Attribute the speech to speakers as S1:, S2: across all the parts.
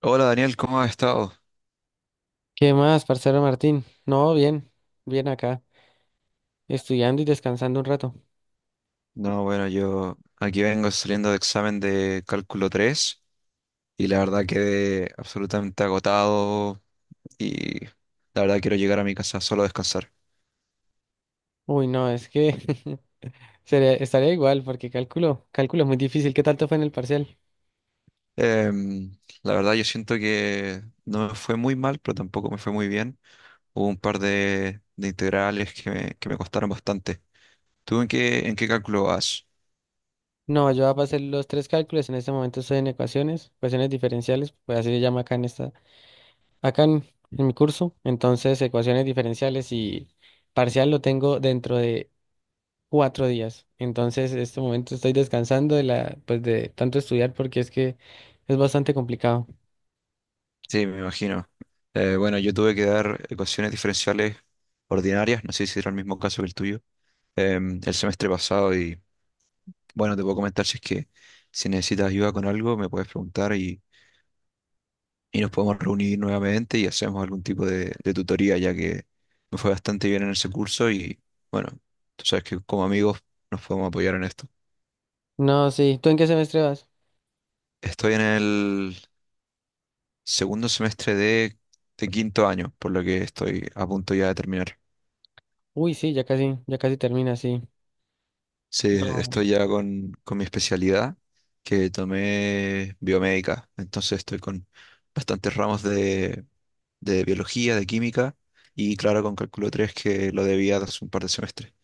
S1: Hola Daniel, ¿cómo has estado?
S2: ¿Qué más, parcero Martín? No, bien, bien acá, estudiando y descansando un rato.
S1: No, bueno, yo aquí vengo saliendo de examen de cálculo 3 y la verdad quedé absolutamente agotado y la verdad quiero llegar a mi casa solo a descansar.
S2: Uy, no, es que sería, estaría igual porque cálculo, cálculo es muy difícil. ¿Qué tanto fue en el parcial?
S1: Em, la verdad yo siento que no me fue muy mal, pero tampoco me fue muy bien. Hubo un par de integrales que me costaron bastante. ¿Tú en qué cálculo vas?
S2: No, yo voy a hacer los tres cálculos. En este momento estoy en ecuaciones diferenciales, pues así se llama acá en mi curso. Entonces, ecuaciones diferenciales y parcial lo tengo dentro de 4 días. Entonces, en este momento estoy descansando pues de tanto estudiar porque es que es bastante complicado.
S1: Sí, me imagino. Bueno, yo tuve que dar ecuaciones diferenciales ordinarias, no sé si era el mismo caso que el tuyo. El semestre pasado y bueno, te puedo comentar si es que si necesitas ayuda con algo, me puedes preguntar y nos podemos reunir nuevamente y hacemos algún tipo de tutoría, ya que me fue bastante bien en ese curso y bueno, tú sabes que como amigos nos podemos apoyar en esto.
S2: No, sí. ¿Tú en qué semestre vas?
S1: Estoy en el segundo semestre de quinto año, por lo que estoy a punto ya de terminar.
S2: Uy, sí, ya casi termina, sí.
S1: Sí,
S2: No.
S1: estoy ya con mi especialidad que tomé biomédica. Entonces estoy con bastantes ramos de biología, de química y claro, con cálculo 3 que lo debía de hace un par de semestres.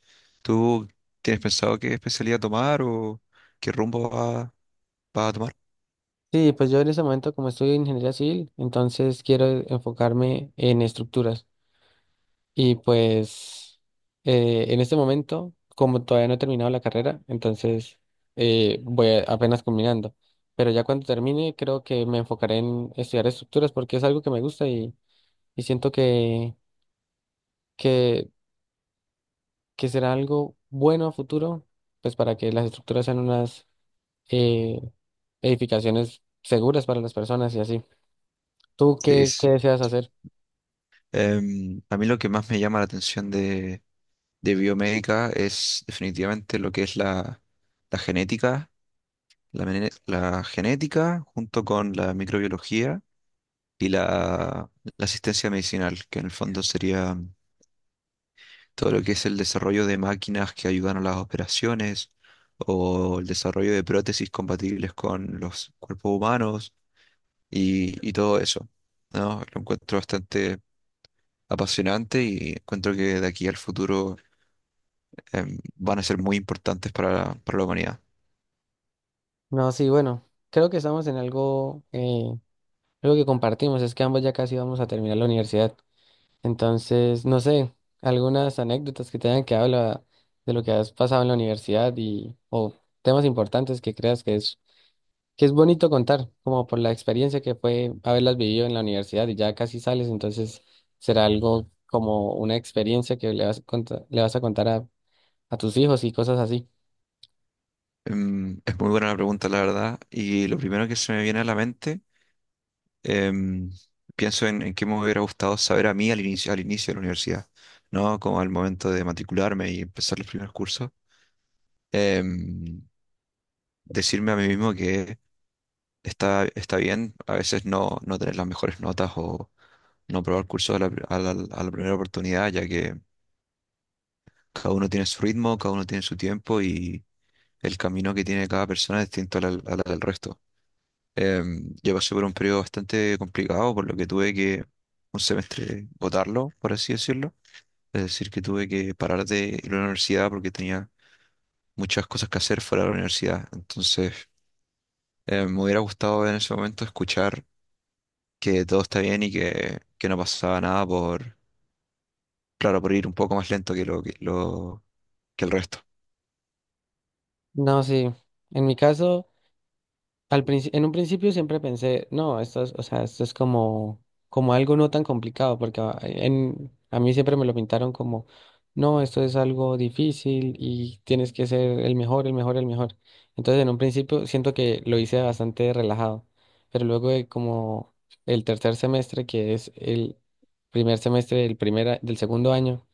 S1: ¿Tú tienes pensado qué especialidad tomar o qué vas a tomar?
S2: Sí, pues yo en ese momento como estudio ingeniería civil, entonces quiero enfocarme en estructuras. Y pues en este momento, como todavía no he terminado la carrera, entonces apenas combinando. Pero ya cuando termine, creo que me enfocaré en estudiar estructuras porque es algo que me gusta y siento que, que será algo bueno a futuro, pues para que las estructuras sean unas... eh, edificaciones seguras para las personas y así. ¿Tú
S1: Sí,
S2: qué,
S1: sí.
S2: qué deseas hacer?
S1: A mí lo que más me llama la atención de biomédica es definitivamente lo que es la genética. La genética junto con la microbiología y la asistencia medicinal, que en el fondo sería todo lo que es el desarrollo de máquinas que ayudan a las operaciones o el desarrollo de prótesis compatibles con los cuerpos humanos y todo eso, ¿no? Lo encuentro bastante apasionante y encuentro que de aquí al futuro van a ser muy importantes para la humanidad.
S2: No, sí, bueno, creo que estamos en algo, algo que compartimos, es que ambos ya casi vamos a terminar la universidad. Entonces, no sé, algunas anécdotas que te hayan quedado de lo que has pasado en la universidad y, o temas importantes que creas que es bonito contar, como por la experiencia que fue haberlas vivido en la universidad y ya casi sales, entonces será algo como una experiencia que le vas a contar a tus hijos y cosas así.
S1: Es muy buena la pregunta, la verdad, y lo primero que se me viene a la mente em, pienso en qué me hubiera gustado saber a mí al inicio de la universidad, ¿no? Como al momento de matricularme y empezar los primeros cursos. Em, Decirme a mí mismo que está bien a veces no tener las mejores notas o no probar cursos a la, pri- a la primera oportunidad, ya que cada uno tiene su ritmo, cada uno tiene su tiempo y el camino que tiene cada persona es distinto al del resto. Yo pasé por un periodo bastante complicado, por lo que tuve que un semestre botarlo, por así decirlo. Es decir, que tuve que parar de ir a la universidad porque tenía muchas cosas que hacer fuera de la universidad. Entonces, me hubiera gustado en ese momento escuchar que todo está bien y que no pasaba nada por, claro, por ir un poco más lento que lo que el resto.
S2: No, sí. En mi caso, en un principio siempre pensé, no, o sea, esto es como algo no tan complicado, porque a mí siempre me lo pintaron como, no, esto es algo difícil y tienes que ser el mejor, el mejor, el mejor. Entonces, en un principio siento que lo hice bastante relajado, pero luego de como el tercer semestre, que es el primer semestre del del segundo año,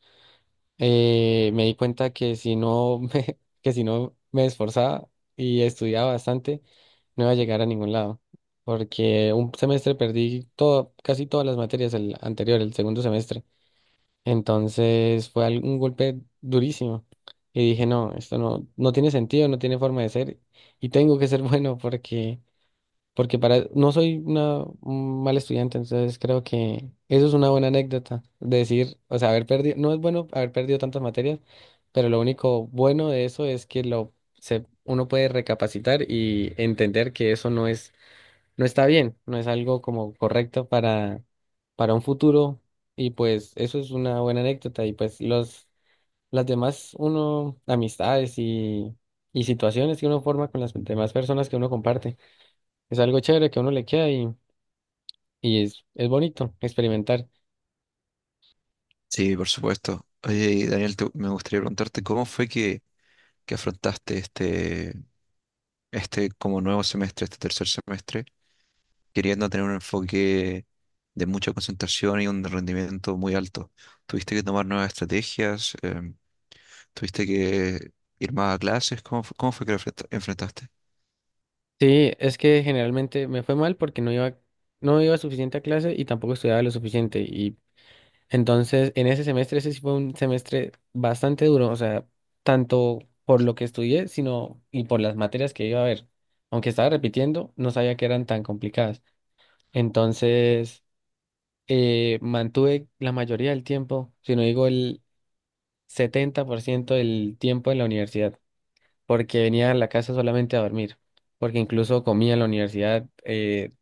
S2: me di cuenta que si no me, que si no me esforzaba y estudiaba bastante, no iba a llegar a ningún lado, porque un semestre perdí todo, casi todas las materias el anterior, el segundo semestre. Entonces fue un golpe durísimo y dije, no, esto no, no tiene sentido, no tiene forma de ser y tengo que ser bueno porque para, no soy un mal estudiante, entonces creo que eso es una buena anécdota, de decir, o sea, haber perdido, no es bueno haber perdido tantas materias, pero lo único bueno de eso es que uno puede recapacitar y entender que eso no es, no está bien, no es algo como correcto para un futuro, y pues eso es una buena anécdota, y pues las demás, uno, amistades y situaciones que uno forma con las demás personas que uno comparte. Es algo chévere que a uno le queda y es bonito experimentar.
S1: Sí, por supuesto. Oye, y Daniel, me gustaría preguntarte cómo fue que afrontaste este como nuevo semestre, este tercer semestre queriendo tener un enfoque de mucha concentración y un rendimiento muy alto. ¿Tuviste que tomar nuevas estrategias? ¿Tuviste que ir más a clases? ¿Cómo, cómo fue que lo enfrentaste?
S2: Sí, es que generalmente me fue mal porque no iba, no iba suficiente a clase y tampoco estudiaba lo suficiente. Y entonces en ese semestre, ese sí fue un semestre bastante duro, o sea, tanto por lo que estudié, sino y por las materias que iba a ver. Aunque estaba repitiendo, no sabía que eran tan complicadas. Entonces, mantuve la mayoría del tiempo, si no digo el 70% del tiempo en la universidad, porque venía a la casa solamente a dormir, porque incluso comía en la universidad,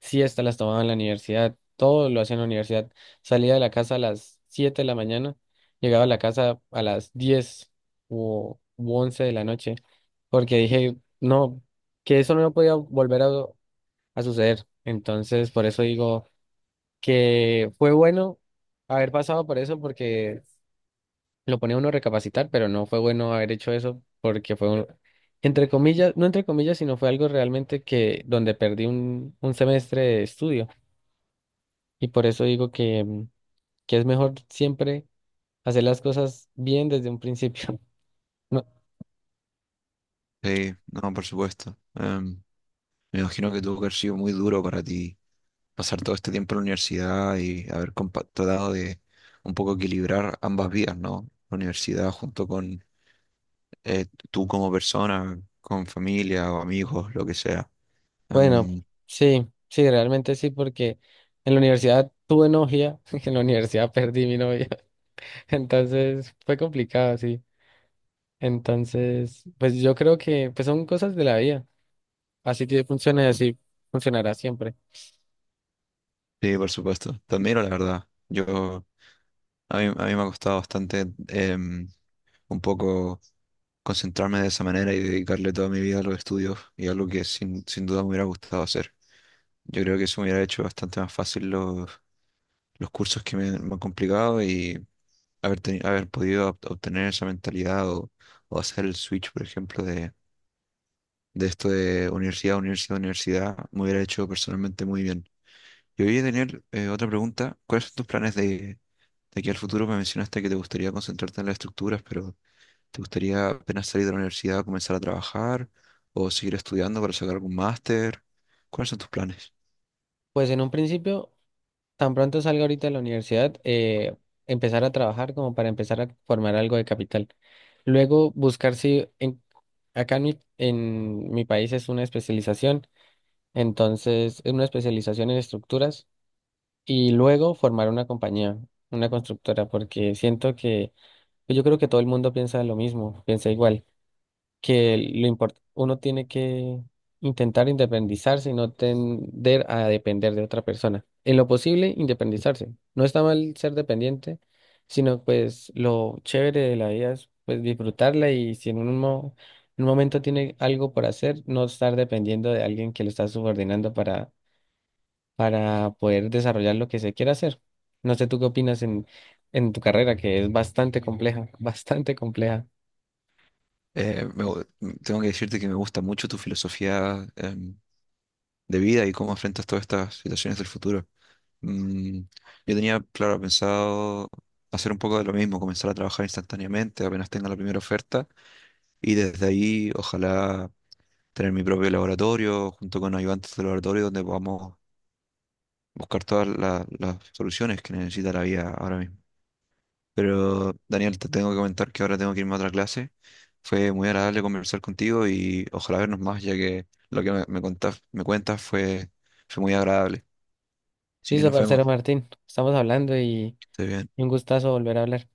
S2: siestas las tomaba en la universidad, todo lo hacía en la universidad. Salía de la casa a las 7 de la mañana, llegaba a la casa a las 10 o u 11 de la noche, porque dije, no, que eso no podía volver a suceder. Entonces, por eso digo que fue bueno haber pasado por eso, porque lo ponía uno a recapacitar, pero no fue bueno haber hecho eso porque fue un, entre comillas, no entre comillas, sino fue algo realmente que donde perdí un semestre de estudio. Y por eso digo que, que es mejor siempre hacer las cosas bien desde un principio. No,
S1: Sí, no, por supuesto. Me imagino que tuvo que haber sido muy duro para ti pasar todo este tiempo en la universidad y haber tratado de un poco equilibrar ambas vidas, ¿no? La universidad junto con eh, tú como persona, con familia o amigos, lo que sea.
S2: bueno,
S1: Em,
S2: sí, sí, realmente sí, porque en la universidad tuve novia, en la universidad perdí mi novia, entonces fue complicado, sí. Entonces, pues yo creo que pues son cosas de la vida. Así te funciona y así funcionará siempre.
S1: Sí, por supuesto. Te admiro, la verdad. Yo, a mí me ha costado bastante un poco concentrarme de esa manera y dedicarle toda mi vida a los estudios y algo que sin duda me hubiera gustado hacer. Yo creo que eso me hubiera hecho bastante más fácil los cursos que me han complicado y haber podido obtener esa mentalidad o hacer el switch, por ejemplo, de esto de universidad, universidad, universidad, me hubiera hecho personalmente muy bien. Y voy Daniel, otra pregunta. ¿Cuáles son tus planes de? De aquí al futuro me mencionaste que te gustaría concentrarte en las estructuras, pero ¿te gustaría apenas salir de la universidad comenzar a trabajar o seguir estudiando para sacar algún máster? ¿Cuáles son tus planes?
S2: Pues en un principio, tan pronto salga ahorita de la universidad, empezar a trabajar como para empezar a formar algo de capital. Luego buscar si acá en mi país es una especialización, entonces es una especialización en estructuras y luego formar una compañía, una constructora, porque siento que yo creo que todo el mundo piensa lo mismo, piensa igual. Que uno tiene que intentar independizarse y no tender a depender de otra persona. En lo posible, independizarse. No está mal ser dependiente, sino pues lo chévere de la vida es pues disfrutarla y si en un momento tiene algo por hacer, no estar dependiendo de alguien que lo está subordinando para poder desarrollar lo que se quiera hacer. No sé tú qué opinas en tu carrera, que es bastante compleja, bastante compleja.
S1: Eh, me gu- Tengo que decirte que me gusta mucho tu filosofía, de vida y cómo enfrentas todas estas situaciones del futuro. Mm, yo tenía, claro, pensado hacer un poco de lo mismo, comenzar a trabajar instantáneamente apenas tenga la primera oferta y desde ahí ojalá tener mi propio laboratorio junto con ayudantes de laboratorio donde podamos buscar todas las soluciones que necesita la vida ahora mismo. Pero Daniel, te tengo que comentar que ahora tengo que irme a otra clase. Fue muy agradable conversar contigo y ojalá vernos más, ya que lo que me cuentas fue, fue muy agradable. Así que
S2: Listo,
S1: nos
S2: parcero
S1: vemos.
S2: Martín, estamos hablando y...
S1: Que estés bien.
S2: Un gustazo volver a hablar.